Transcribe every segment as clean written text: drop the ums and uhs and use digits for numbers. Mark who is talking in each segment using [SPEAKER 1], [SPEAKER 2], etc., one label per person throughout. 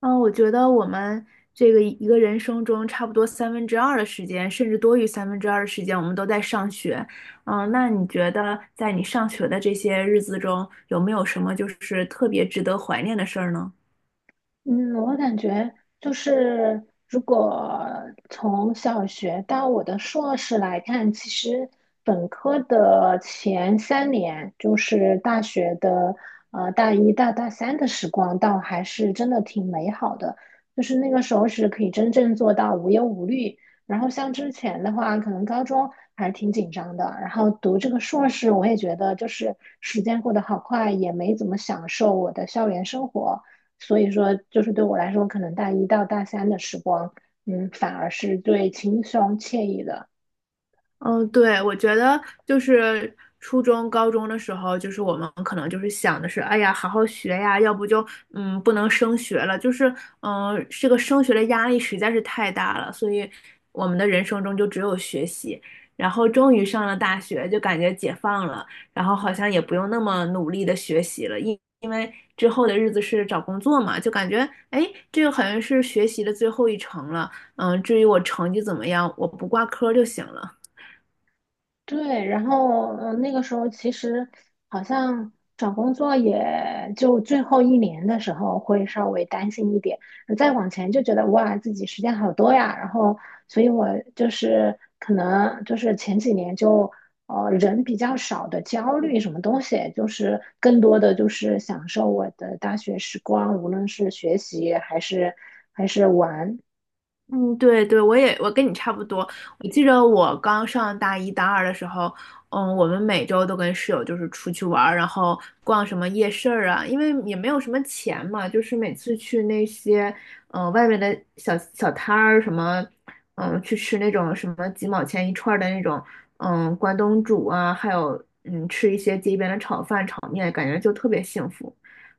[SPEAKER 1] 嗯，我觉得我们这个一个人生中，差不多三分之二的时间，甚至多于三分之二的时间，我们都在上学。那你觉得在你上学的这些日子中，有没有什么就是特别值得怀念的事儿呢？
[SPEAKER 2] 嗯，我感觉就是，如果从小学到我的硕士来看，其实本科的前3年，就是大学的大一到大三的时光，倒还是真的挺美好的。就是那个时候是可以真正做到无忧无虑。然后像之前的话，可能高中还是挺紧张的。然后读这个硕士，我也觉得就是时间过得好快，也没怎么享受我的校园生活。所以说，就是对我来说，可能大一到大三的时光，反而是最轻松惬意的。
[SPEAKER 1] 嗯，对，我觉得就是初中、高中的时候，就是我们可能就是想的是，哎呀，好好学呀，要不就不能升学了，就是这个升学的压力实在是太大了，所以我们的人生中就只有学习。然后终于上了大学，就感觉解放了，然后好像也不用那么努力的学习了，因为之后的日子是找工作嘛，就感觉哎，这个好像是学习的最后一程了。至于我成绩怎么样，我不挂科就行了。
[SPEAKER 2] 对，然后那个时候其实好像找工作也就最后一年的时候会稍微担心一点，再往前就觉得哇，自己时间好多呀。然后，所以我就是可能就是前几年就人比较少的焦虑什么东西，就是更多的就是享受我的大学时光，无论是学习还是玩。
[SPEAKER 1] 嗯，对对，我也，我跟你差不多。我记得我刚上大一大二的时候，我们每周都跟室友就是出去玩儿，然后逛什么夜市儿啊，因为也没有什么钱嘛，就是每次去那些外面的小摊儿什么，去吃那种什么几毛钱一串儿的那种，关东煮啊，还有吃一些街边的炒饭、炒面，感觉就特别幸福。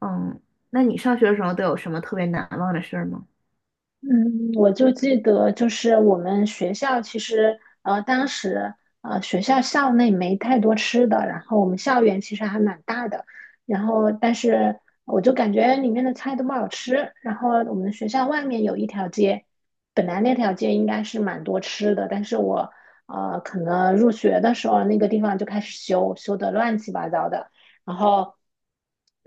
[SPEAKER 1] 嗯，那你上学的时候都有什么特别难忘的事儿吗？
[SPEAKER 2] 嗯，我就记得，就是我们学校其实，当时，学校校内没太多吃的，然后我们校园其实还蛮大的，然后但是我就感觉里面的菜都不好吃，然后我们学校外面有一条街，本来那条街应该是蛮多吃的，但是我，可能入学的时候那个地方就开始修，修得乱七八糟的。然后，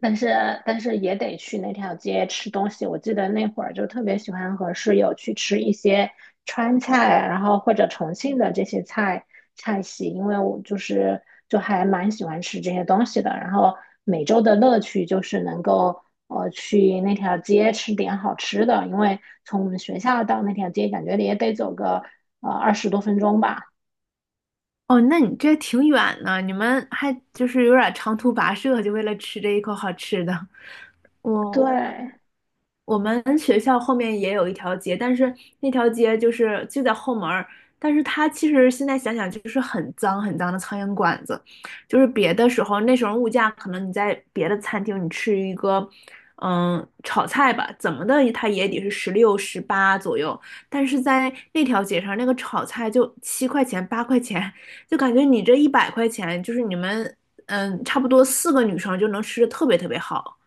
[SPEAKER 2] 但是但是也得去那条街吃东西。我记得那会儿就特别喜欢和室友去吃一些川菜，然后或者重庆的这些菜系，因为我就是就还蛮喜欢吃这些东西的。然后每周的乐趣就是能够去那条街吃点好吃的，因为从我们学校到那条街感觉也得走个20多分钟吧。
[SPEAKER 1] 哦，那你这挺远呢，你们还就是有点长途跋涉，就为了吃这一口好吃的。我
[SPEAKER 2] 对。
[SPEAKER 1] 我们学校后面也有一条街，但是那条街就是就在后门儿，但是它其实现在想想就是很脏很脏的苍蝇馆子，就是别的时候那时候物价可能你在别的餐厅你吃一个，炒菜吧，怎么的它也得是16、18左右，但是在那条街上那个炒菜就7块8块钱，就感觉你这100块钱就是你们差不多四个女生就能吃的特别特别好。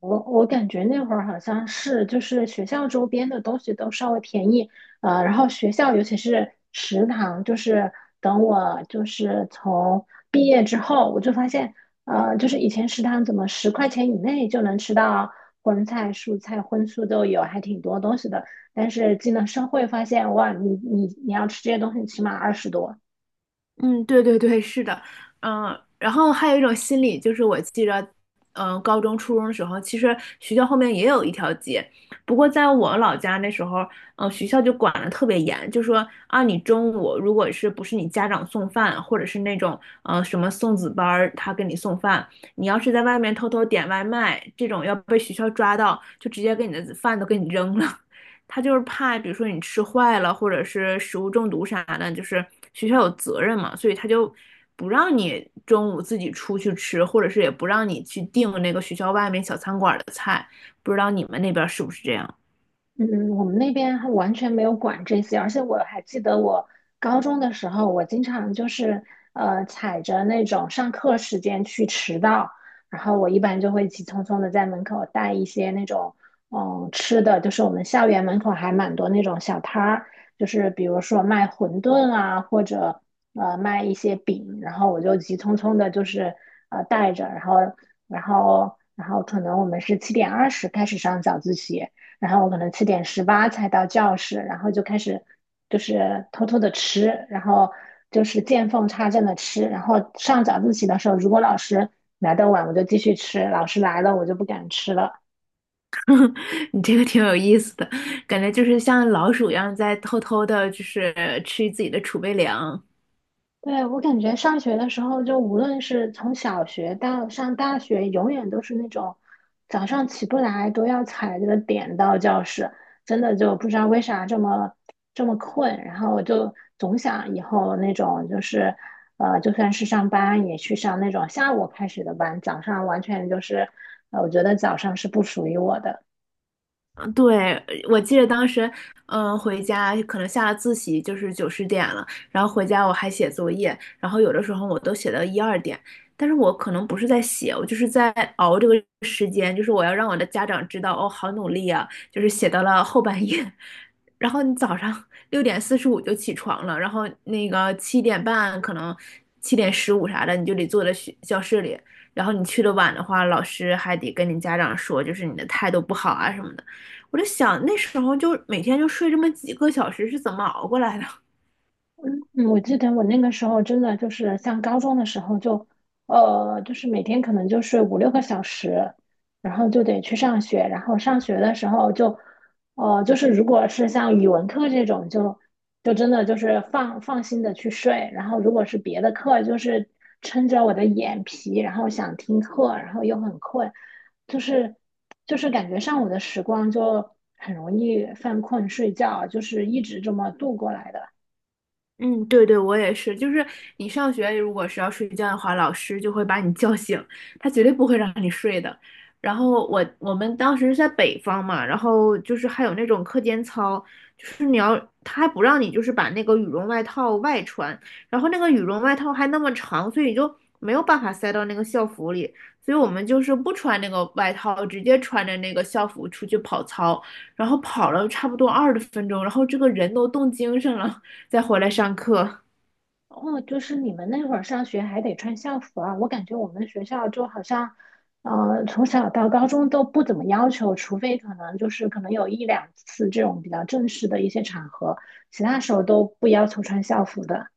[SPEAKER 2] 我感觉那会儿好像是，就是学校周边的东西都稍微便宜，然后学校尤其是食堂，就是等我就是从毕业之后，我就发现，就是以前食堂怎么10块钱以内就能吃到荤菜、蔬菜、荤素都有，还挺多东西的。但是进了社会发现，哇，你要吃这些东西，起码二十多。
[SPEAKER 1] 嗯，对对对，是的，嗯，然后还有一种心理就是，我记着，高中、初中的时候，其实学校后面也有一条街，不过在我老家那时候，学校就管得特别严，就说啊，你中午如果是不是你家长送饭，或者是那种什么送子班儿他给你送饭，你要是在外面偷偷点外卖，这种要被学校抓到，就直接给你的饭都给你扔了。他就是怕，比如说你吃坏了，或者是食物中毒啥的，就是学校有责任嘛，所以他就不让你中午自己出去吃，或者是也不让你去订那个学校外面小餐馆的菜。不知道你们那边是不是这样？
[SPEAKER 2] 嗯，我们那边还完全没有管这些，而且我还记得我高中的时候，我经常就是踩着那种上课时间去迟到，然后我一般就会急匆匆的在门口带一些那种吃的，就是我们校园门口还蛮多那种小摊儿，就是比如说卖馄饨啊，或者卖一些饼，然后我就急匆匆的就是带着，然后可能我们是7:20开始上早自习。然后我可能7:18才到教室，然后就开始就是偷偷的吃，然后就是见缝插针的吃，然后上早自习的时候，如果老师来的晚，我就继续吃，老师来了我就不敢吃了。
[SPEAKER 1] 你这个挺有意思的，感觉就是像老鼠一样在偷偷的，就是吃自己的储备粮。
[SPEAKER 2] 对，我感觉上学的时候，就无论是从小学到上大学，永远都是那种早上起不来都要踩着点到教室，真的就不知道为啥这么这么困。然后我就总想以后那种就是，就算是上班也去上那种下午开始的班，早上完全就是，我觉得早上是不属于我的。
[SPEAKER 1] 嗯，对，我记得当时，回家可能下了自习就是9、10点了，然后回家我还写作业，然后有的时候我都写到1、2点，但是我可能不是在写，我就是在熬这个时间，就是我要让我的家长知道，哦，好努力啊，就是写到了后半夜，然后你早上6:45就起床了，然后那个7点半可能7:15啥的你就得坐在学教室里，然后你去的晚的话，老师还得跟你家长说，就是你的态度不好啊什么的。我就想那时候就每天就睡这么几个小时是怎么熬过来的？
[SPEAKER 2] 嗯，我记得我那个时候真的就是像高中的时候就，就是每天可能就睡5、6个小时，然后就得去上学，然后上学的时候就，就是如果是像语文课这种就，就真的就是放心的去睡，然后如果是别的课，就是撑着我的眼皮，然后想听课，然后又很困，就是就是感觉上午的时光就很容易犯困睡觉，就是一直这么度过来的。
[SPEAKER 1] 嗯，对对，我也是。就是你上学如果是要睡觉的话，老师就会把你叫醒，他绝对不会让你睡的。然后我们当时是在北方嘛，然后就是还有那种课间操，就是你要他还不让你就是把那个羽绒外套外穿，然后那个羽绒外套还那么长，所以就没有办法塞到那个校服里，所以我们就是不穿那个外套，直接穿着那个校服出去跑操，然后跑了差不多20分钟，然后这个人都冻精神了。再回来上课。
[SPEAKER 2] 哦，就是你们那会儿上学还得穿校服啊？我感觉我们学校就好像，从小到高中都不怎么要求，除非可能就是可能有一两次这种比较正式的一些场合，其他时候都不要求穿校服的。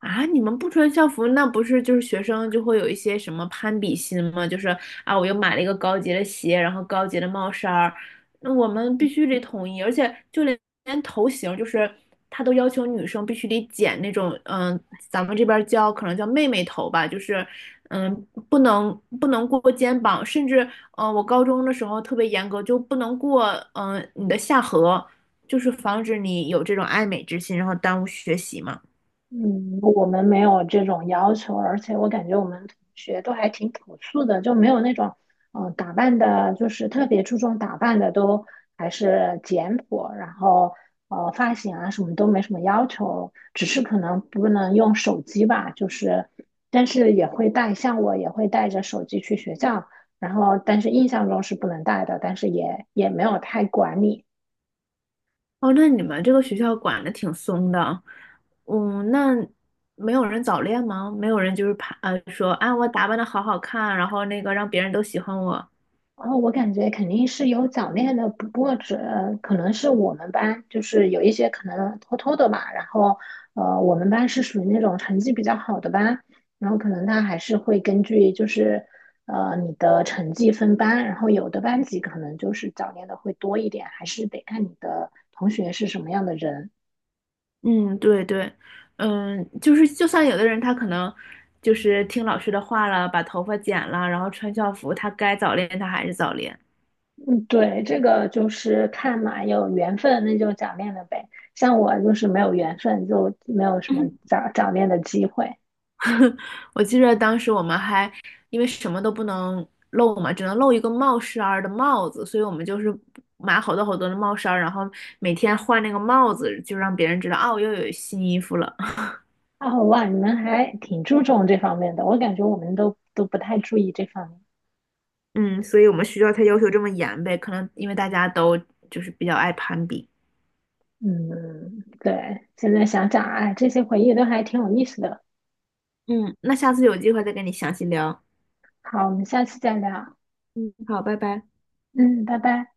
[SPEAKER 1] 啊，你们不穿校服，那不是就是学生就会有一些什么攀比心吗？就是啊，我又买了一个高级的鞋，然后高级的帽衫儿，那我们必须得统一，而且就连头型，就是他都要求女生必须得剪那种，咱们这边儿叫可能叫妹妹头吧，就是嗯，不能过肩膀，甚至我高中的时候特别严格，就不能过你的下颌，就是防止你有这种爱美之心，然后耽误学习嘛。
[SPEAKER 2] 嗯，我们没有这种要求，而且我感觉我们同学都还挺朴素的，就没有那种打扮的，就是特别注重打扮的，都还是简朴，然后发型啊什么都没什么要求，只是可能不能用手机吧，就是但是也会带，像我也会带着手机去学校，然后但是印象中是不能带的，但是也没有太管理。
[SPEAKER 1] 哦，那你们这个学校管的挺松的，那没有人早恋吗？没有人就是怕说啊，我打扮的好好看，然后那个让别人都喜欢我。
[SPEAKER 2] 然后我感觉肯定是有早恋的，不过只可能是我们班，就是有一些可能偷偷的吧。然后，我们班是属于那种成绩比较好的班，然后可能他还是会根据就是你的成绩分班，然后有的班级可能就是早恋的会多一点，还是得看你的同学是什么样的人。
[SPEAKER 1] 嗯，对对，就是就算有的人他可能就是听老师的话了，把头发剪了，然后穿校服，他该早恋他还是早恋。
[SPEAKER 2] 嗯，对，这个就是看嘛，有缘分那就早恋了呗。像我就是没有缘分，就没有什么 早恋的机会。
[SPEAKER 1] 我记着当时我们还因为什么都不能露嘛，只能露一个帽衫儿的帽子，所以我们就是买好多好多的帽衫儿，然后每天换那个帽子，就让别人知道哦，我又有新衣服了。
[SPEAKER 2] 哦，哇，你们还挺注重这方面的，我感觉我们都不太注意这方面。
[SPEAKER 1] 嗯，所以我们学校才要求这么严呗，可能因为大家都就是比较爱攀比。
[SPEAKER 2] 嗯，对，现在想想，哎，这些回忆都还挺有意思的。
[SPEAKER 1] 嗯，那下次有机会再跟你详细聊。
[SPEAKER 2] 好，我们下次再聊。
[SPEAKER 1] 嗯，好，拜拜。
[SPEAKER 2] 嗯，拜拜。